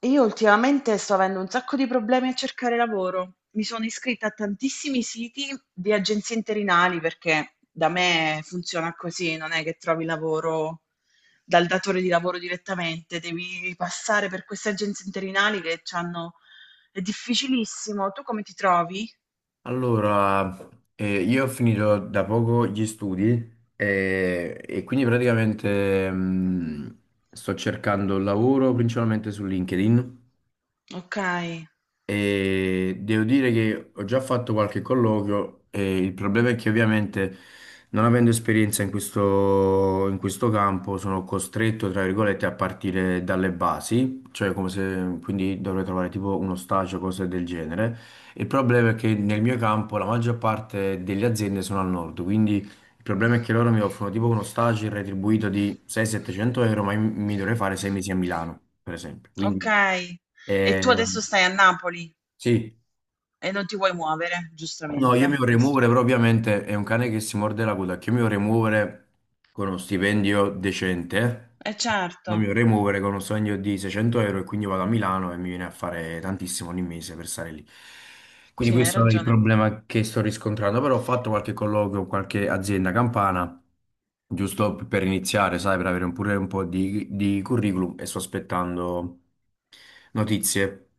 Io ultimamente sto avendo un sacco di problemi a cercare lavoro. Mi sono iscritta a tantissimi siti di agenzie interinali perché da me funziona così, non è che trovi lavoro dal datore di lavoro direttamente, devi passare per queste agenzie interinali che hanno... È difficilissimo. Tu come ti trovi? Allora, io ho finito da poco gli studi, quindi praticamente, sto cercando lavoro principalmente su LinkedIn. Ok, E devo dire che ho già fatto qualche colloquio e il problema è che, ovviamente, non avendo esperienza in questo campo, sono costretto, tra virgolette, a partire dalle basi, cioè come se, quindi, dovrei trovare tipo uno stage o cose del genere. Il problema è che nel mio campo la maggior parte delle aziende sono al nord, quindi il problema è che loro mi offrono tipo uno stage retribuito di 600-700 euro, ma io mi dovrei fare 6 mesi a Milano, per esempio. ok. Quindi. E tu Eh, adesso stai a Napoli sì. e non ti vuoi muovere, No, io mi giustamente. vorrei muovere, però ovviamente è un cane che si morde la coda, che io mi vorrei muovere con uno stipendio decente, Eh certo, non mi vorrei muovere con uno stipendio di 600 euro e quindi vado a Milano e mi viene a fare tantissimo ogni mese per stare lì. Quindi sì, hai questo è il ragione. problema che sto riscontrando, però ho fatto qualche colloquio con qualche azienda campana, giusto per iniziare, sai, per avere pure un po' di curriculum, e sto aspettando notizie.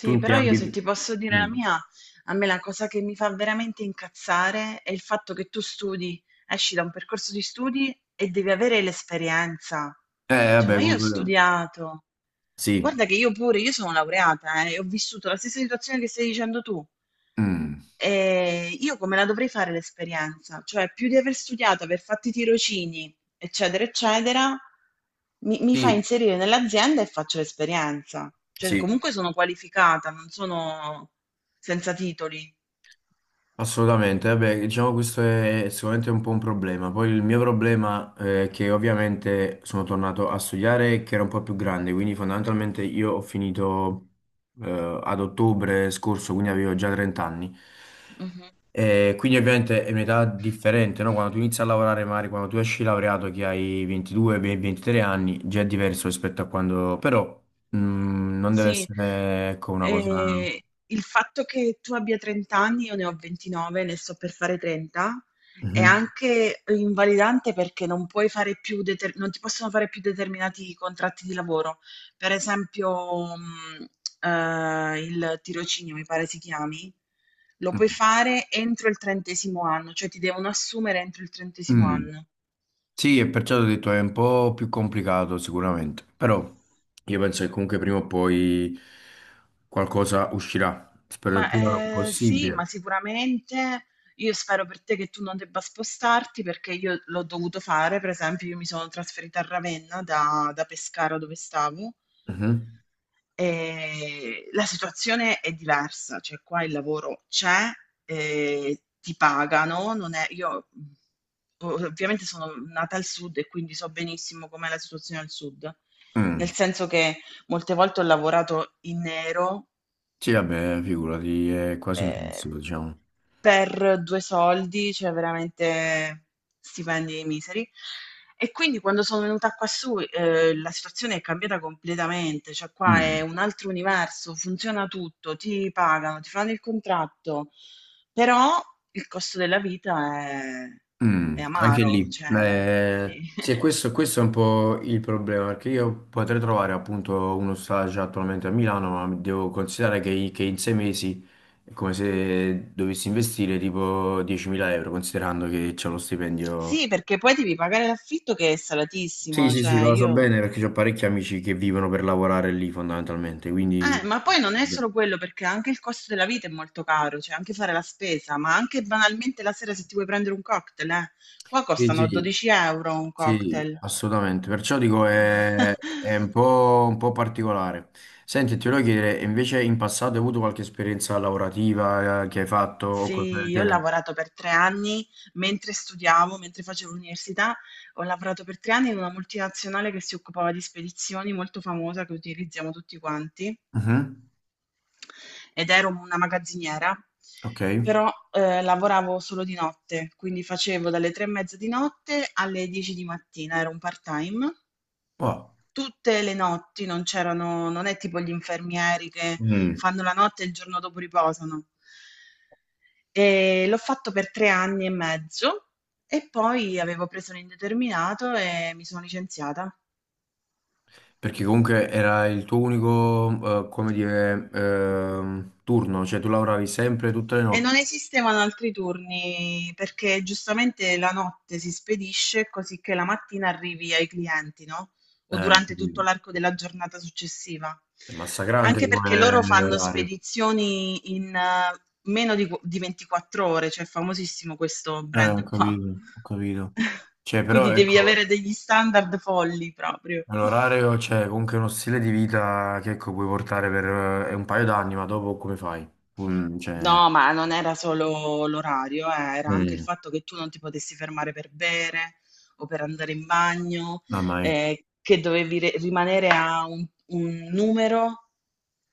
Tu in che però io se ambito? ti posso dire la Mm. mia, a me la cosa che mi fa veramente incazzare è il fatto che tu studi. Esci da un percorso di studi e devi avere l'esperienza. Cioè, Vabbè, ma io ho comunque, studiato. sì. Guarda che io pure, io sono laureata, e ho vissuto la stessa situazione che stai dicendo tu. Mm. E io come la dovrei fare l'esperienza? Cioè, più di aver studiato, aver fatto i tirocini, eccetera, eccetera, mi fa Sì, inserire nell'azienda e faccio l'esperienza. Cioè, sì, comunque sono qualificata, non sono senza titoli. assolutamente. Vabbè, diciamo, questo è sicuramente un po' un problema. Poi il mio problema, è che ovviamente sono tornato a studiare e che era un po' più grande, quindi fondamentalmente io ho finito, ad ottobre scorso, quindi avevo già 30 anni. E quindi ovviamente è un'età differente, no? Quando tu inizi a lavorare, magari quando tu esci laureato che hai 22, 23 anni, già è diverso rispetto a quando... Però, non deve Sì, essere, ecco, una cosa... ehm, il fatto che tu abbia 30 anni, io ne ho 29, ne sto per fare 30, è anche invalidante perché non puoi fare più non ti possono fare più determinati contratti di lavoro. Per esempio, il tirocinio, mi pare si chiami, lo puoi Mhm. fare entro il trentesimo anno, cioè ti devono assumere entro il trentesimo Mm. anno. Sì, e perciò ho detto è un po' più complicato sicuramente, però io penso che comunque prima o poi qualcosa uscirà, spero il Ma, prima sì, ma possibile. sicuramente io spero per te che tu non debba spostarti, perché io l'ho dovuto fare, per esempio io mi sono trasferita a Ravenna da Pescara dove stavo, Mhm. La situazione è diversa, cioè qua il lavoro c'è, ehm, ti pagano, non è io, o ovviamente sono nata al sud e quindi so benissimo com'è la situazione al sud, nel Mm. senso che molte volte ho lavorato in nero. Sì, vabbè, figurati, è quasi Ehm, impossibile, diciamo. per 2 soldi, cioè veramente stipendi miseri. E quindi quando sono venuta qua su, la situazione è cambiata completamente, cioè qua è Mm. un altro universo, funziona tutto, ti pagano, ti fanno il contratto, però il costo della vita è Mm, anche amaro, lì. cioè sì. Sì, e questo è un po' il problema, perché io potrei trovare appunto uno stage attualmente a Milano, ma devo considerare che in 6 mesi è come se dovessi investire tipo 10.000 euro, considerando che c'è lo stipendio. Sì, perché poi devi pagare l'affitto che è Sì, salatissimo, sì, sì, cioè ma lo so io. bene perché ho parecchi amici che vivono per lavorare lì fondamentalmente, quindi... Ma poi non è solo quello, perché anche il costo della vita è molto caro, cioè anche fare la spesa, ma anche banalmente la sera se ti vuoi prendere un cocktail, eh. Qua Sì, costano sì. 12 euro un Sì, cocktail. assolutamente. Perciò dico è un po' particolare. Senti, ti volevo chiedere, invece in passato hai avuto qualche esperienza lavorativa, che hai fatto o cose Sì, del io ho genere? lavorato per 3 anni mentre studiavo, mentre facevo l'università, ho lavorato per 3 anni in una multinazionale che si occupava di spedizioni molto famosa che utilizziamo tutti quanti Mhm. ed ero una magazziniera, Ok. però lavoravo solo di notte, quindi facevo dalle 3:30 di notte alle 10 di mattina, era un part-time. Wow. Tutte le notti non c'erano, non è tipo gli infermieri che Mm. fanno la notte e il giorno dopo riposano. E l'ho fatto per 3 anni e mezzo e poi avevo preso l'indeterminato e mi sono licenziata. Perché comunque era il tuo unico, come dire, turno, cioè tu lavoravi sempre tutte le E notti. non esistevano altri turni perché giustamente la notte si spedisce così che la mattina arrivi ai clienti, no? O Ho durante tutto capito. l'arco della giornata successiva. È massacrante Anche perché loro come fanno orario. spedizioni in meno di, di 24 ore, cioè è famosissimo questo Ho brand qua. capito, ho capito. Cioè, però Quindi devi avere ecco, degli standard folli proprio. è un orario, cioè, comunque uno stile di vita che, ecco, puoi portare per un paio d'anni, ma dopo come fai? Cioè, No, ma non era solo l'orario, era anche il mm, fatto che tu non ti potessi fermare per bere o per andare in bagno, mamma mia, che dovevi rimanere a un numero.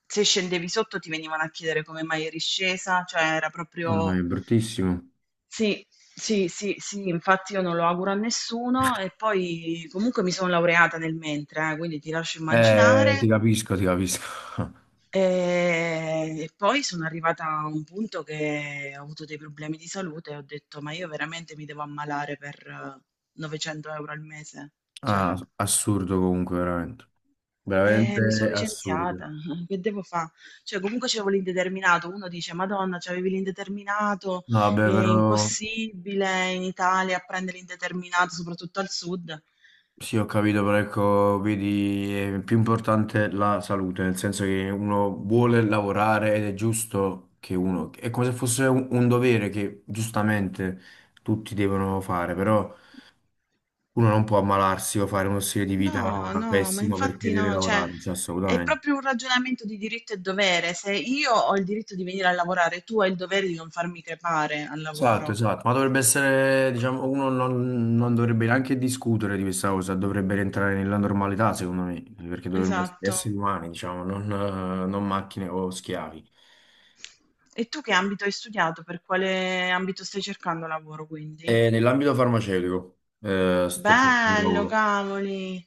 Se scendevi sotto ti venivano a chiedere come mai eri scesa, cioè era mamma mia, proprio... è bruttissimo. Sì, sì, sì, sì, infatti io non lo auguro a nessuno e poi comunque mi sono laureata nel mentre, quindi ti lascio immaginare. Ti capisco, ti capisco. E poi sono arrivata a un punto che ho avuto dei problemi di salute e ho detto: "Ma io veramente mi devo ammalare per 900 euro € al mese? Cioè" Ah, assurdo comunque, veramente. e mi sono Veramente assurdo. licenziata, che devo fa? Cioè comunque c'avevo l'indeterminato, uno dice: "Madonna, c'avevi l'indeterminato, No, vabbè, è però... impossibile in Italia a prendere l'indeterminato, soprattutto al sud". Sì, ho capito, però ecco, vedi, è più importante la salute, nel senso che uno vuole lavorare ed è giusto che uno, è come se fosse un dovere che giustamente tutti devono fare, però uno non può ammalarsi o fare uno stile di vita No, no, ma pessimo perché infatti deve no, cioè lavorare, cioè è assolutamente. proprio un ragionamento di diritto e dovere. Se io ho il diritto di venire a lavorare, tu hai il dovere di non farmi crepare al Esatto, lavoro. esatto, ma dovrebbe essere, diciamo, uno non, non dovrebbe neanche discutere di questa cosa, dovrebbe rientrare nella normalità, secondo me, perché dovremmo essere Esatto. esseri umani, diciamo, non, non macchine o schiavi. E tu che ambito hai studiato? Per quale ambito stai cercando lavoro, quindi? Nell'ambito farmaceutico, sto cercando un Bello, lavoro. cavoli.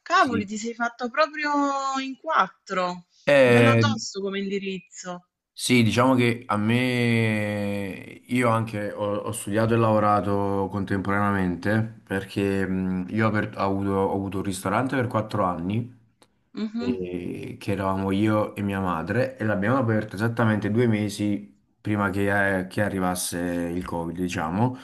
Cavoli, Sì. ti sei fatto proprio in quattro. Bello Eh, tosto come indirizzo. sì, diciamo che a me, io anche ho studiato e lavorato contemporaneamente perché, io ho, aper- ho avuto un ristorante per 4 anni, Mhm. Che eravamo io e mia madre, e l'abbiamo aperto esattamente 2 mesi prima che arrivasse il Covid, diciamo.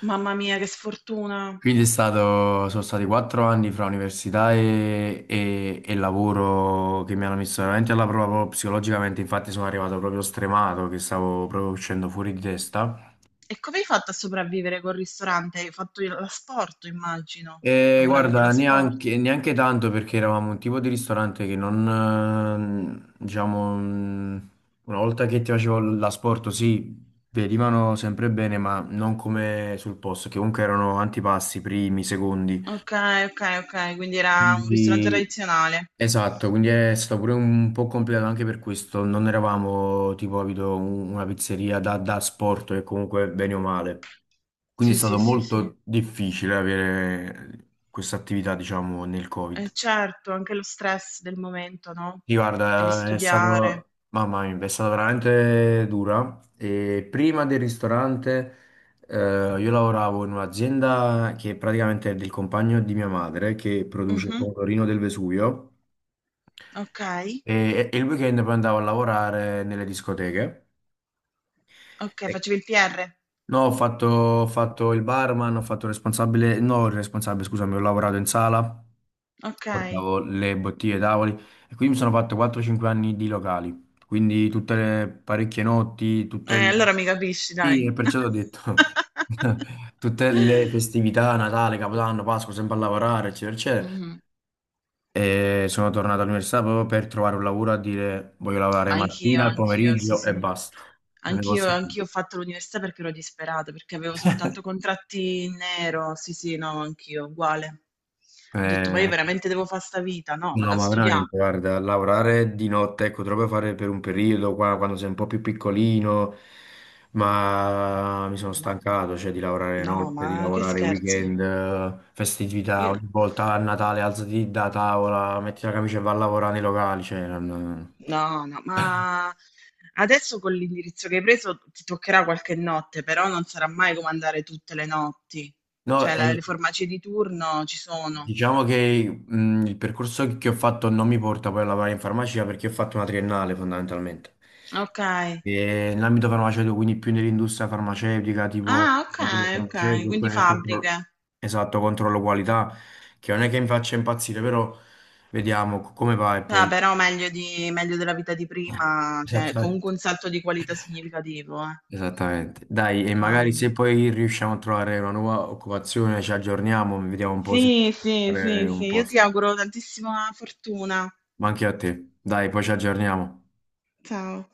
Mamma mia, che sfortuna. Quindi è stato, sono stati 4 anni fra università e lavoro che mi hanno messo veramente alla prova proprio psicologicamente, infatti sono arrivato proprio stremato, che stavo proprio uscendo fuori di testa. E come hai fatto a sopravvivere col ristorante? Hai fatto l'asporto, immagino. E Lavoravi con guarda, l'asporto. neanche, neanche tanto perché eravamo un tipo di ristorante che non, diciamo, una volta che ti facevo l'asporto, sì, venivano sempre bene, ma non come sul posto, che comunque erano antipasti, primi, secondi. Ok, ok, ok, quindi era un ristorante Quindi... tradizionale. Esatto, quindi è stato pure un po' complicato anche per questo. Non eravamo tipo capito, una pizzeria da sport e comunque bene o male. Quindi è Sì, stato sì, sì, sì. molto difficile avere questa attività, diciamo, nel E Covid. certo, anche lo stress del momento, no? Sì, Devi guarda, è studiare. stato, mamma mia, è stata veramente dura. E prima del ristorante, eh, io lavoravo in un'azienda che praticamente è del compagno di mia madre, che produce il Mhm. pomodorino del Vesuvio. Ok, E il weekend poi andavo a lavorare nelle discoteche. ok, E- facevi il PR. No, ho fatto il barman, ho fatto il responsabile, no, il responsabile, scusami, ho lavorato in sala, Ok, portavo le bottiglie ai tavoli e quindi mi sono fatto 4-5 anni di locali, quindi tutte le parecchie notti, tutte le... allora mi capisci, Sì, dai. e perciò ho detto... Tutte le festività, Natale, Capodanno, Pasqua, sempre a lavorare, eccetera, eccetera. Mhm. E sono tornato all'università proprio per trovare un lavoro, a dire voglio lavorare Ma anch'io, mattina, al anch'io, sì, pomeriggio e sì. basta. Non ne Anch'io, posso più. anch'io ho fatto l'università perché ero disperata, perché avevo soltanto contratti in nero. Sì, sì, no, anch'io, uguale. Ho detto, ma io Eh, veramente devo fare sta vita? No, no, vado a ma studiare. veramente, guarda, lavorare di notte, ecco, te lo puoi fare per un periodo, qua, quando sei un po' più piccolino, ma mi sono Ma- stancato, cioè, di lavorare no, notte, di ma che lavorare scherzi? weekend, festività, Io- ogni volta a Natale alzati da tavola, metti la camicia e vai a lavorare nei locali, cioè, non... no, no, ma adesso con l'indirizzo che hai preso ti toccherà qualche notte, però non sarà mai come andare tutte le notti. No, Cioè, la- le farmacie di turno ci sono. diciamo che, il percorso che ho fatto non mi porta poi a lavorare in farmacia perché ho fatto una triennale fondamentalmente. Ok. E nell'ambito farmaceutico, quindi più nell'industria farmaceutica, tipo Ah, ok, laboratorio ok, farmaceutico, quindi oppure nel controllo, fabbriche. esatto, controllo qualità, che non è che mi faccia impazzire, però vediamo come va e Ah, poi... però meglio, di- meglio della vita di prima, cioè Esattamente. comunque un salto di qualità significativo, eh. Esattamente. Dai, e magari Cavoli. se poi riusciamo a trovare una nuova occupazione, ci aggiorniamo, vediamo un po' se Sì, sì, fare sì, sì, un io ti posto. auguro tantissima fortuna. Ma anche a te. Dai, poi ci aggiorniamo. Ciao.